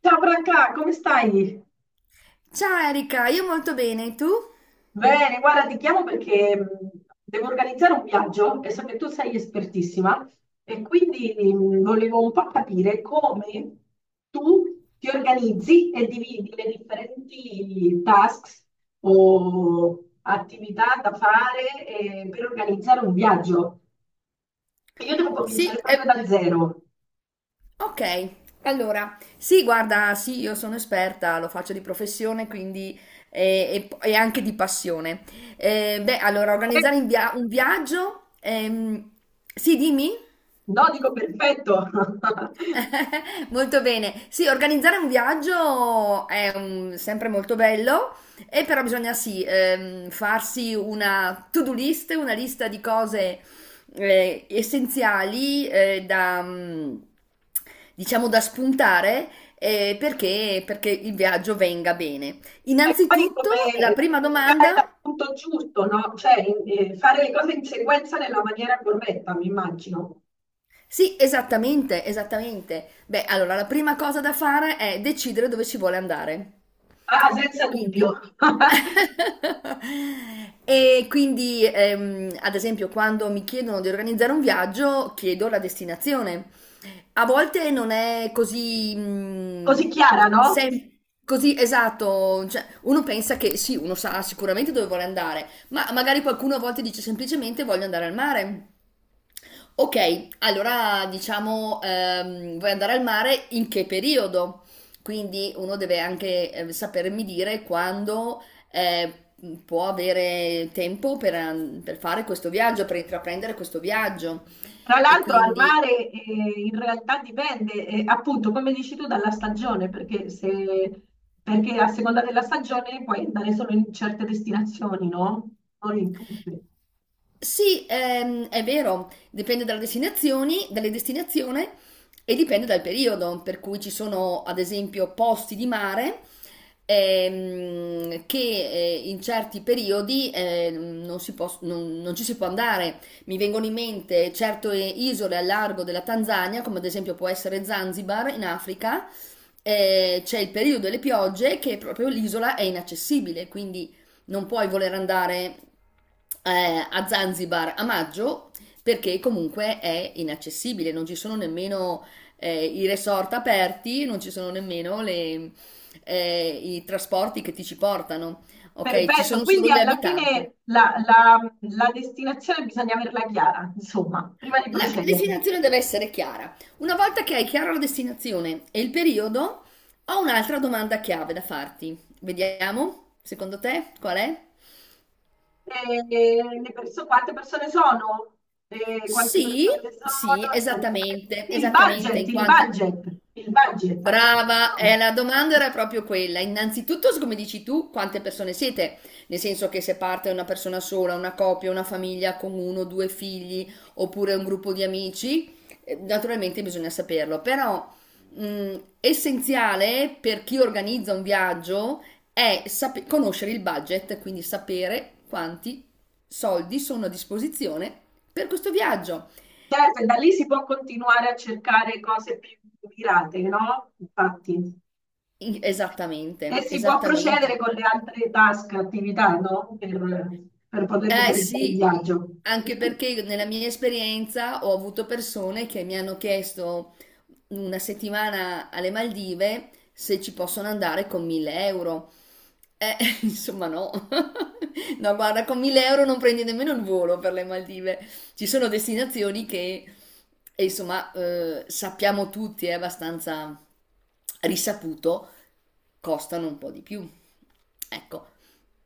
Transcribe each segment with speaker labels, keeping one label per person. Speaker 1: Ciao Branca, come stai?
Speaker 2: Ciao Erika, io molto bene, tu?
Speaker 1: Bene, guarda, ti chiamo perché devo organizzare un viaggio e so che tu sei espertissima e quindi volevo un po' capire come tu ti organizzi e dividi le differenti tasks o attività da fare per organizzare un viaggio. E io devo
Speaker 2: Sì,
Speaker 1: cominciare proprio da zero.
Speaker 2: ok, allora, sì, guarda, sì, io sono esperta, lo faccio di professione, quindi e anche di passione. Beh, allora,
Speaker 1: Eh,
Speaker 2: organizzare un viaggio, sì, dimmi?
Speaker 1: No, dico perfetto.
Speaker 2: Molto bene. Sì, organizzare un viaggio è sempre molto bello, e però bisogna sì, farsi una to-do list, una lista di cose essenziali da, diciamo, da spuntare perché il viaggio venga bene.
Speaker 1: E poi
Speaker 2: Innanzitutto, la
Speaker 1: come
Speaker 2: prima
Speaker 1: dare dal
Speaker 2: domanda.
Speaker 1: punto giusto, no? Cioè, fare le cose in sequenza nella maniera corretta, mi immagino.
Speaker 2: Sì, esattamente, esattamente. Beh, allora la prima cosa da fare è decidere dove si vuole andare.
Speaker 1: Ah, ah, senza dubbio.
Speaker 2: Quindi, e quindi ad esempio, quando mi chiedono di organizzare un viaggio, chiedo la destinazione. A volte non è
Speaker 1: Così chiara, no?
Speaker 2: sem- così esatto. Cioè, uno pensa che sì, uno sa sicuramente dove vuole andare, ma magari qualcuno a volte dice semplicemente voglio andare al mare. Ok, allora diciamo, vuoi andare al mare in che periodo? Quindi uno deve anche sapermi dire quando eh, può avere tempo per fare questo viaggio, per intraprendere questo viaggio.
Speaker 1: Tra
Speaker 2: E
Speaker 1: l'altro al
Speaker 2: quindi.
Speaker 1: mare in realtà dipende, appunto, come dici tu, dalla stagione, perché se... perché a seconda della stagione puoi andare solo in certe destinazioni, no? Non in tutte.
Speaker 2: Sì, è vero, dipende dalle destinazioni e dipende dal periodo, per cui ci sono ad esempio posti di mare che in certi periodi non ci si può andare. Mi vengono in mente certe isole al largo della Tanzania, come ad esempio può essere Zanzibar in Africa, c'è il periodo delle piogge che proprio l'isola è inaccessibile, quindi non puoi voler andare a Zanzibar a maggio perché comunque è inaccessibile, non ci sono nemmeno i resort aperti, non ci sono nemmeno i trasporti che ti ci portano, ok? Ci
Speaker 1: Perfetto,
Speaker 2: sono solo
Speaker 1: quindi
Speaker 2: gli
Speaker 1: alla
Speaker 2: abitanti.
Speaker 1: fine la destinazione bisogna averla chiara, insomma, prima di
Speaker 2: La
Speaker 1: procedere.
Speaker 2: destinazione deve essere chiara. Una volta che hai chiara la destinazione e il periodo, ho un'altra domanda chiave da farti. Vediamo, secondo te, qual è?
Speaker 1: E quante persone sono? E quante
Speaker 2: Sì,
Speaker 1: persone
Speaker 2: sì,
Speaker 1: sono? Aspetta.
Speaker 2: esattamente,
Speaker 1: Il
Speaker 2: esattamente,
Speaker 1: budget,
Speaker 2: in
Speaker 1: il
Speaker 2: quanti.
Speaker 1: budget, il budget a
Speaker 2: Brava,
Speaker 1: disposizione.
Speaker 2: la domanda era proprio quella. Innanzitutto, come dici tu, quante persone siete? Nel senso che se parte una persona sola, una coppia, una famiglia con uno o due figli, oppure un gruppo di amici, naturalmente bisogna saperlo. Però, essenziale per chi organizza un viaggio è conoscere il budget, quindi sapere quanti soldi sono a disposizione per questo viaggio.
Speaker 1: Certo, e da lì si può continuare a cercare cose più mirate, no? Infatti. E
Speaker 2: Esattamente,
Speaker 1: si può procedere
Speaker 2: esattamente.
Speaker 1: con le altre task, attività, no? Per poter
Speaker 2: Eh
Speaker 1: organizzare il
Speaker 2: sì,
Speaker 1: viaggio.
Speaker 2: anche perché io nella mia esperienza ho avuto persone che mi hanno chiesto una settimana alle Maldive se ci possono andare con 1.000 euro. Eh, insomma no. No, guarda, con 1.000 euro non prendi nemmeno il volo per le Maldive. Ci sono destinazioni che, insomma, sappiamo tutti, è abbastanza risaputo, costano un po' di più. Ecco.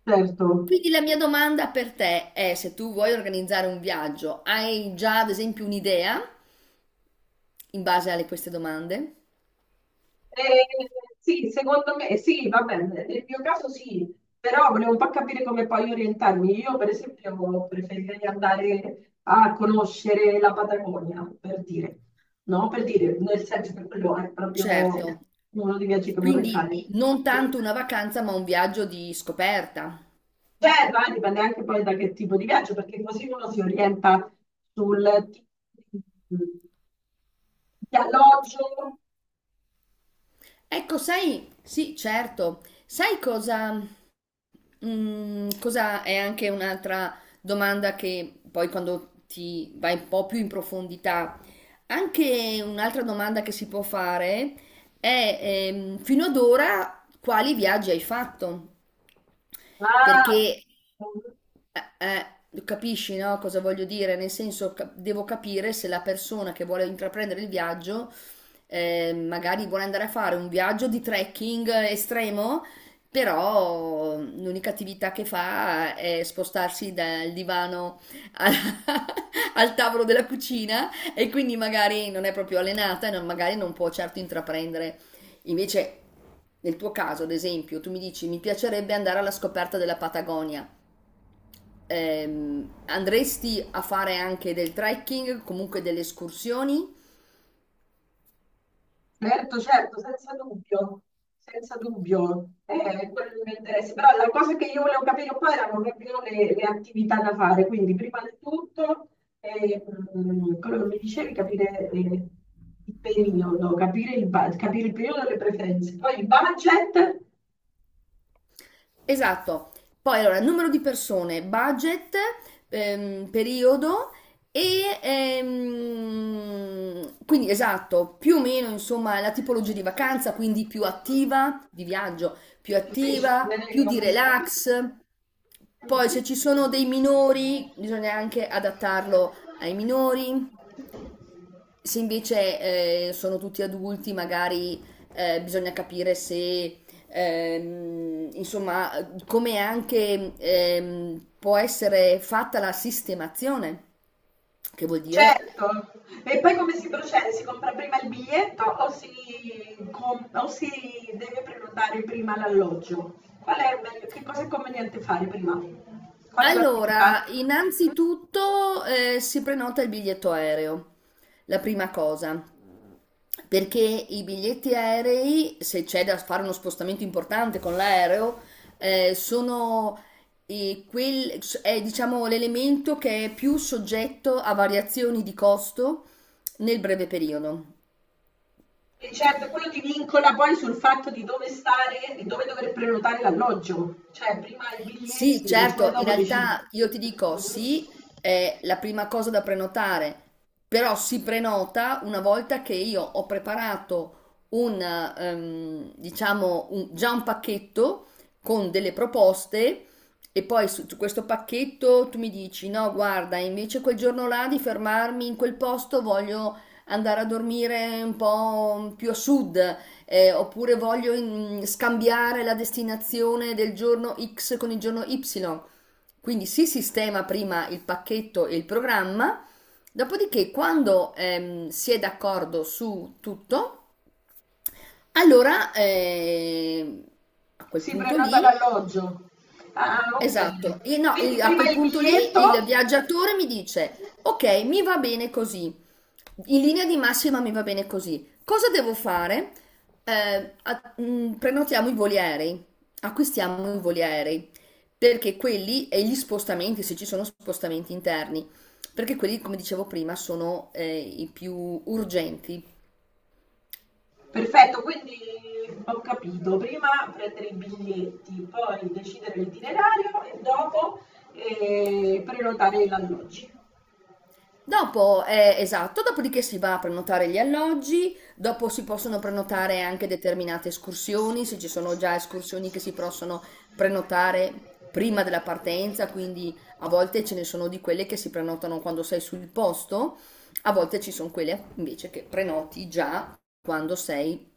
Speaker 1: Certo.
Speaker 2: Quindi la mia domanda per te è se tu vuoi organizzare un viaggio, hai già ad esempio un'idea in base a queste domande?
Speaker 1: Eh, sì, secondo me sì, va bene, nel mio caso sì, però volevo un po' capire come poi orientarmi. Io, per esempio, preferirei andare a conoscere la Patagonia, per dire, no? Per dire, nel senso che quello è proprio
Speaker 2: Certo,
Speaker 1: uno dei viaggi che vorrei
Speaker 2: quindi
Speaker 1: fare.
Speaker 2: non
Speaker 1: Eh,
Speaker 2: tanto una vacanza ma un viaggio di scoperta.
Speaker 1: Terra, dipende anche poi da che tipo di viaggio, perché così uno si orienta sul tipo di alloggio,
Speaker 2: Ecco, sai, sì, certo, sai cosa? Cosa è anche un'altra domanda che poi quando ti vai un po' più in profondità, anche un'altra domanda che si può fare è fino ad ora quali viaggi hai fatto?
Speaker 1: ma
Speaker 2: Perché eh, capisci, no, cosa voglio dire? Nel senso, devo capire se la persona che vuole intraprendere il viaggio, magari vuole andare a fare un viaggio di trekking estremo, però l'unica attività che fa è spostarsi dal divano al, al tavolo della cucina e quindi magari non è proprio allenata e magari non può certo intraprendere. Invece. Nel tuo caso, ad esempio, tu mi dici mi piacerebbe andare alla scoperta della Patagonia. Andresti a fare anche del trekking, comunque delle escursioni?
Speaker 1: certo, certo, senza dubbio, senza dubbio, è quello il mio interesse. Però la cosa che io volevo capire un po' erano proprio le attività da fare, quindi prima di tutto, quello che mi dicevi, capire il periodo, capire il periodo delle preferenze, poi il budget,
Speaker 2: Esatto. Poi allora, numero di persone, budget, periodo e quindi esatto, più o meno insomma la tipologia di vacanza, quindi più attiva, di viaggio, più attiva,
Speaker 1: decidere
Speaker 2: più di
Speaker 1: cosa sia.
Speaker 2: relax. Poi se ci sono dei minori, bisogna anche adattarlo ai minori. Se invece sono tutti adulti, magari bisogna capire se, insomma, come anche può essere fatta la sistemazione, che vuol dire.
Speaker 1: Certo, e poi come si procede? Si compra prima il biglietto o si, com- o si deve prenotare prima l'alloggio? Qual è che cosa è conveniente fare prima? Qual è l'attività?
Speaker 2: Allora, innanzitutto si prenota il biglietto aereo, la prima cosa, perché i biglietti aerei, se c'è da fare uno spostamento importante con l'aereo, eh, sono è, diciamo, l'elemento che è più soggetto a variazioni di costo nel breve periodo.
Speaker 1: E certo, quello ti vincola poi sul fatto di dove stare, di dove dover prenotare l'alloggio, cioè prima i
Speaker 2: Sì,
Speaker 1: biglietti e poi
Speaker 2: certo, in
Speaker 1: dopo decidi.
Speaker 2: realtà io ti dico
Speaker 1: Mhm.
Speaker 2: sì, è la prima cosa da prenotare, però si prenota una volta che io ho preparato diciamo, già un pacchetto con delle proposte e poi su questo pacchetto tu mi dici no, guarda, invece quel giorno là di fermarmi in quel posto voglio andare a dormire un po' più a sud oppure voglio scambiare la destinazione del giorno X con il giorno Y. Quindi si sistema prima il pacchetto e il programma, dopodiché quando si è d'accordo su tutto, allora a quel
Speaker 1: Si
Speaker 2: punto
Speaker 1: prenota
Speaker 2: lì.
Speaker 1: l'alloggio. Ah,
Speaker 2: Esatto. E
Speaker 1: ok.
Speaker 2: no,
Speaker 1: Quindi
Speaker 2: a
Speaker 1: prima
Speaker 2: quel
Speaker 1: il
Speaker 2: punto
Speaker 1: biglietto
Speaker 2: lì il viaggiatore mi dice, ok, mi va bene così, in linea di massima mi va bene così, cosa devo fare? Prenotiamo i voli aerei, acquistiamo i voli aerei, perché quelli e gli spostamenti, se ci sono spostamenti interni, perché quelli, come dicevo prima, sono i più urgenti.
Speaker 1: perfetto, quindi ho capito, prima prendere i biglietti, poi decidere l'itinerario e dopo prenotare gli alloggi.
Speaker 2: Dopo, esatto, dopodiché si va a prenotare gli alloggi, dopo si possono prenotare anche determinate escursioni, se ci sono già escursioni che si possono prenotare prima della partenza, quindi a volte ce ne sono di quelle che si prenotano quando sei sul posto, a volte ci sono quelle invece che prenoti già quando sei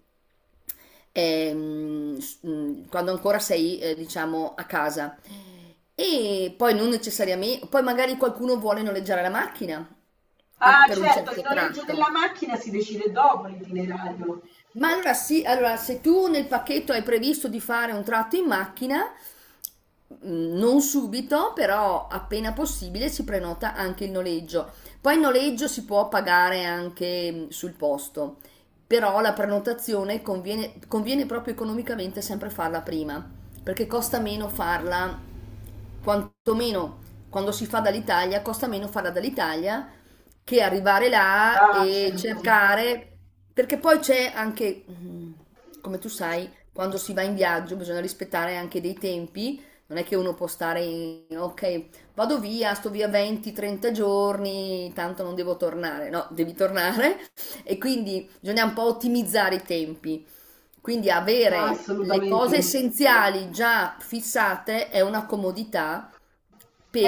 Speaker 2: ehm, s- mh, quando ancora sei, diciamo, a casa. E poi non necessariamente, poi magari qualcuno vuole noleggiare la macchina
Speaker 1: Ah,
Speaker 2: per un
Speaker 1: certo, il
Speaker 2: certo
Speaker 1: noleggio della
Speaker 2: tratto.
Speaker 1: macchina si decide dopo l'itinerario.
Speaker 2: Ma allora sì, allora se tu nel pacchetto hai previsto di fare un tratto in macchina, non subito, però appena possibile si prenota anche il noleggio. Poi il noleggio si può pagare anche sul posto, però la prenotazione conviene, conviene proprio economicamente sempre farla prima, perché costa meno farla, quantomeno quando si fa dall'Italia, costa meno farla dall'Italia che arrivare là
Speaker 1: Ah,
Speaker 2: e
Speaker 1: certo,
Speaker 2: cercare, perché poi c'è anche, come tu sai, quando si va in viaggio bisogna rispettare anche dei tempi, non è che uno può stare, ok, vado via, sto via 20-30 giorni, tanto non devo tornare, no, devi tornare e quindi bisogna un po' ottimizzare i tempi, quindi
Speaker 1: ah,
Speaker 2: avere le cose
Speaker 1: assolutamente.
Speaker 2: essenziali già fissate è una comodità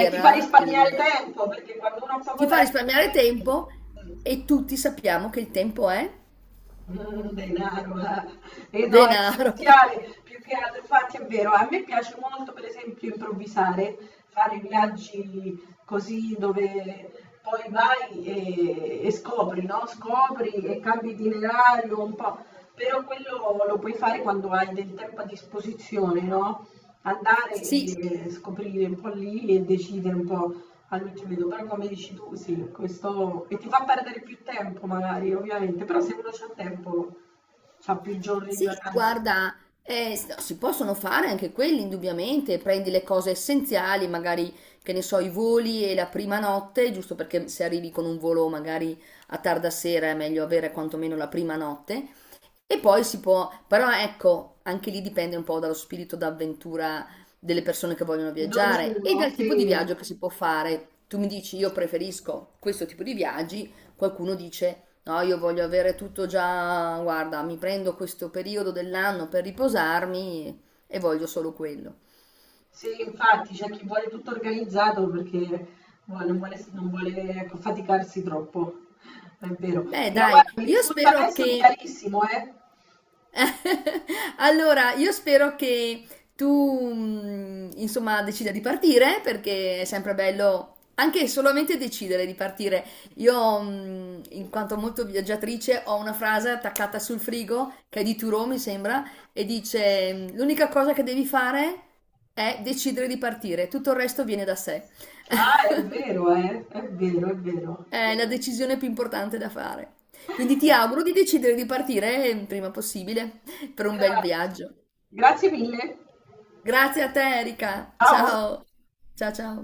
Speaker 1: E ti fa
Speaker 2: il
Speaker 1: risparmiare tempo, perché quando uno ha
Speaker 2: ti
Speaker 1: poco
Speaker 2: fa risparmiare
Speaker 1: tempo...
Speaker 2: tempo e tutti sappiamo che il tempo è
Speaker 1: Mhmm, denaro, eh. Eh no, è
Speaker 2: denaro.
Speaker 1: essenziale, più che altro infatti è vero. A me piace molto per esempio improvvisare, fare viaggi così dove poi vai e scopri, no, scopri e cambi itinerario un po', però quello lo puoi fare quando hai del tempo a disposizione, no, andare
Speaker 2: Sì,
Speaker 1: e scoprire un po' lì e decidere un po' al mitrido, però come dici tu, sì, questo... e ti fa perdere più tempo magari, ovviamente, però se uno c'ha tempo, c'ha più giorni di
Speaker 2: sì,
Speaker 1: vacanza.
Speaker 2: guarda, si possono fare anche quelli, indubbiamente, prendi le cose essenziali, magari, che ne so, i voli e la prima notte, giusto perché se arrivi con un volo magari a tarda sera è meglio avere quantomeno la prima notte. E poi si può, però ecco, anche lì dipende un po' dallo spirito d'avventura delle persone che vogliono
Speaker 1: Ad ognuno,
Speaker 2: viaggiare e dal tipo di
Speaker 1: sì.
Speaker 2: viaggio che si può fare. Tu mi dici, io preferisco questo tipo di viaggi. Qualcuno dice no, io voglio avere tutto già, guarda, mi prendo questo periodo dell'anno per riposarmi e voglio solo quello.
Speaker 1: Sì, infatti c'è chi vuole tutto organizzato perché non vuole, non vuole, ecco, faticarsi troppo, è vero.
Speaker 2: Beh,
Speaker 1: Però
Speaker 2: dai,
Speaker 1: guarda, mi
Speaker 2: io
Speaker 1: risulta
Speaker 2: spero
Speaker 1: adesso
Speaker 2: che
Speaker 1: chiarissimo, eh?
Speaker 2: Allora, io spero che tu, insomma, decida di partire perché è sempre bello anche solamente decidere di partire. Io, in quanto molto viaggiatrice, ho una frase attaccata sul frigo che è di Turo, mi sembra, e dice: L'unica cosa che devi fare è decidere di partire, tutto il resto viene da sé.
Speaker 1: Ah, è vero, eh? È vero, è vero.
Speaker 2: È la decisione più importante da fare. Quindi ti auguro di decidere di partire il prima possibile per un bel viaggio.
Speaker 1: Grazie. Grazie mille.
Speaker 2: Grazie a te, Erika.
Speaker 1: Ciao.
Speaker 2: Ciao. Ciao, ciao.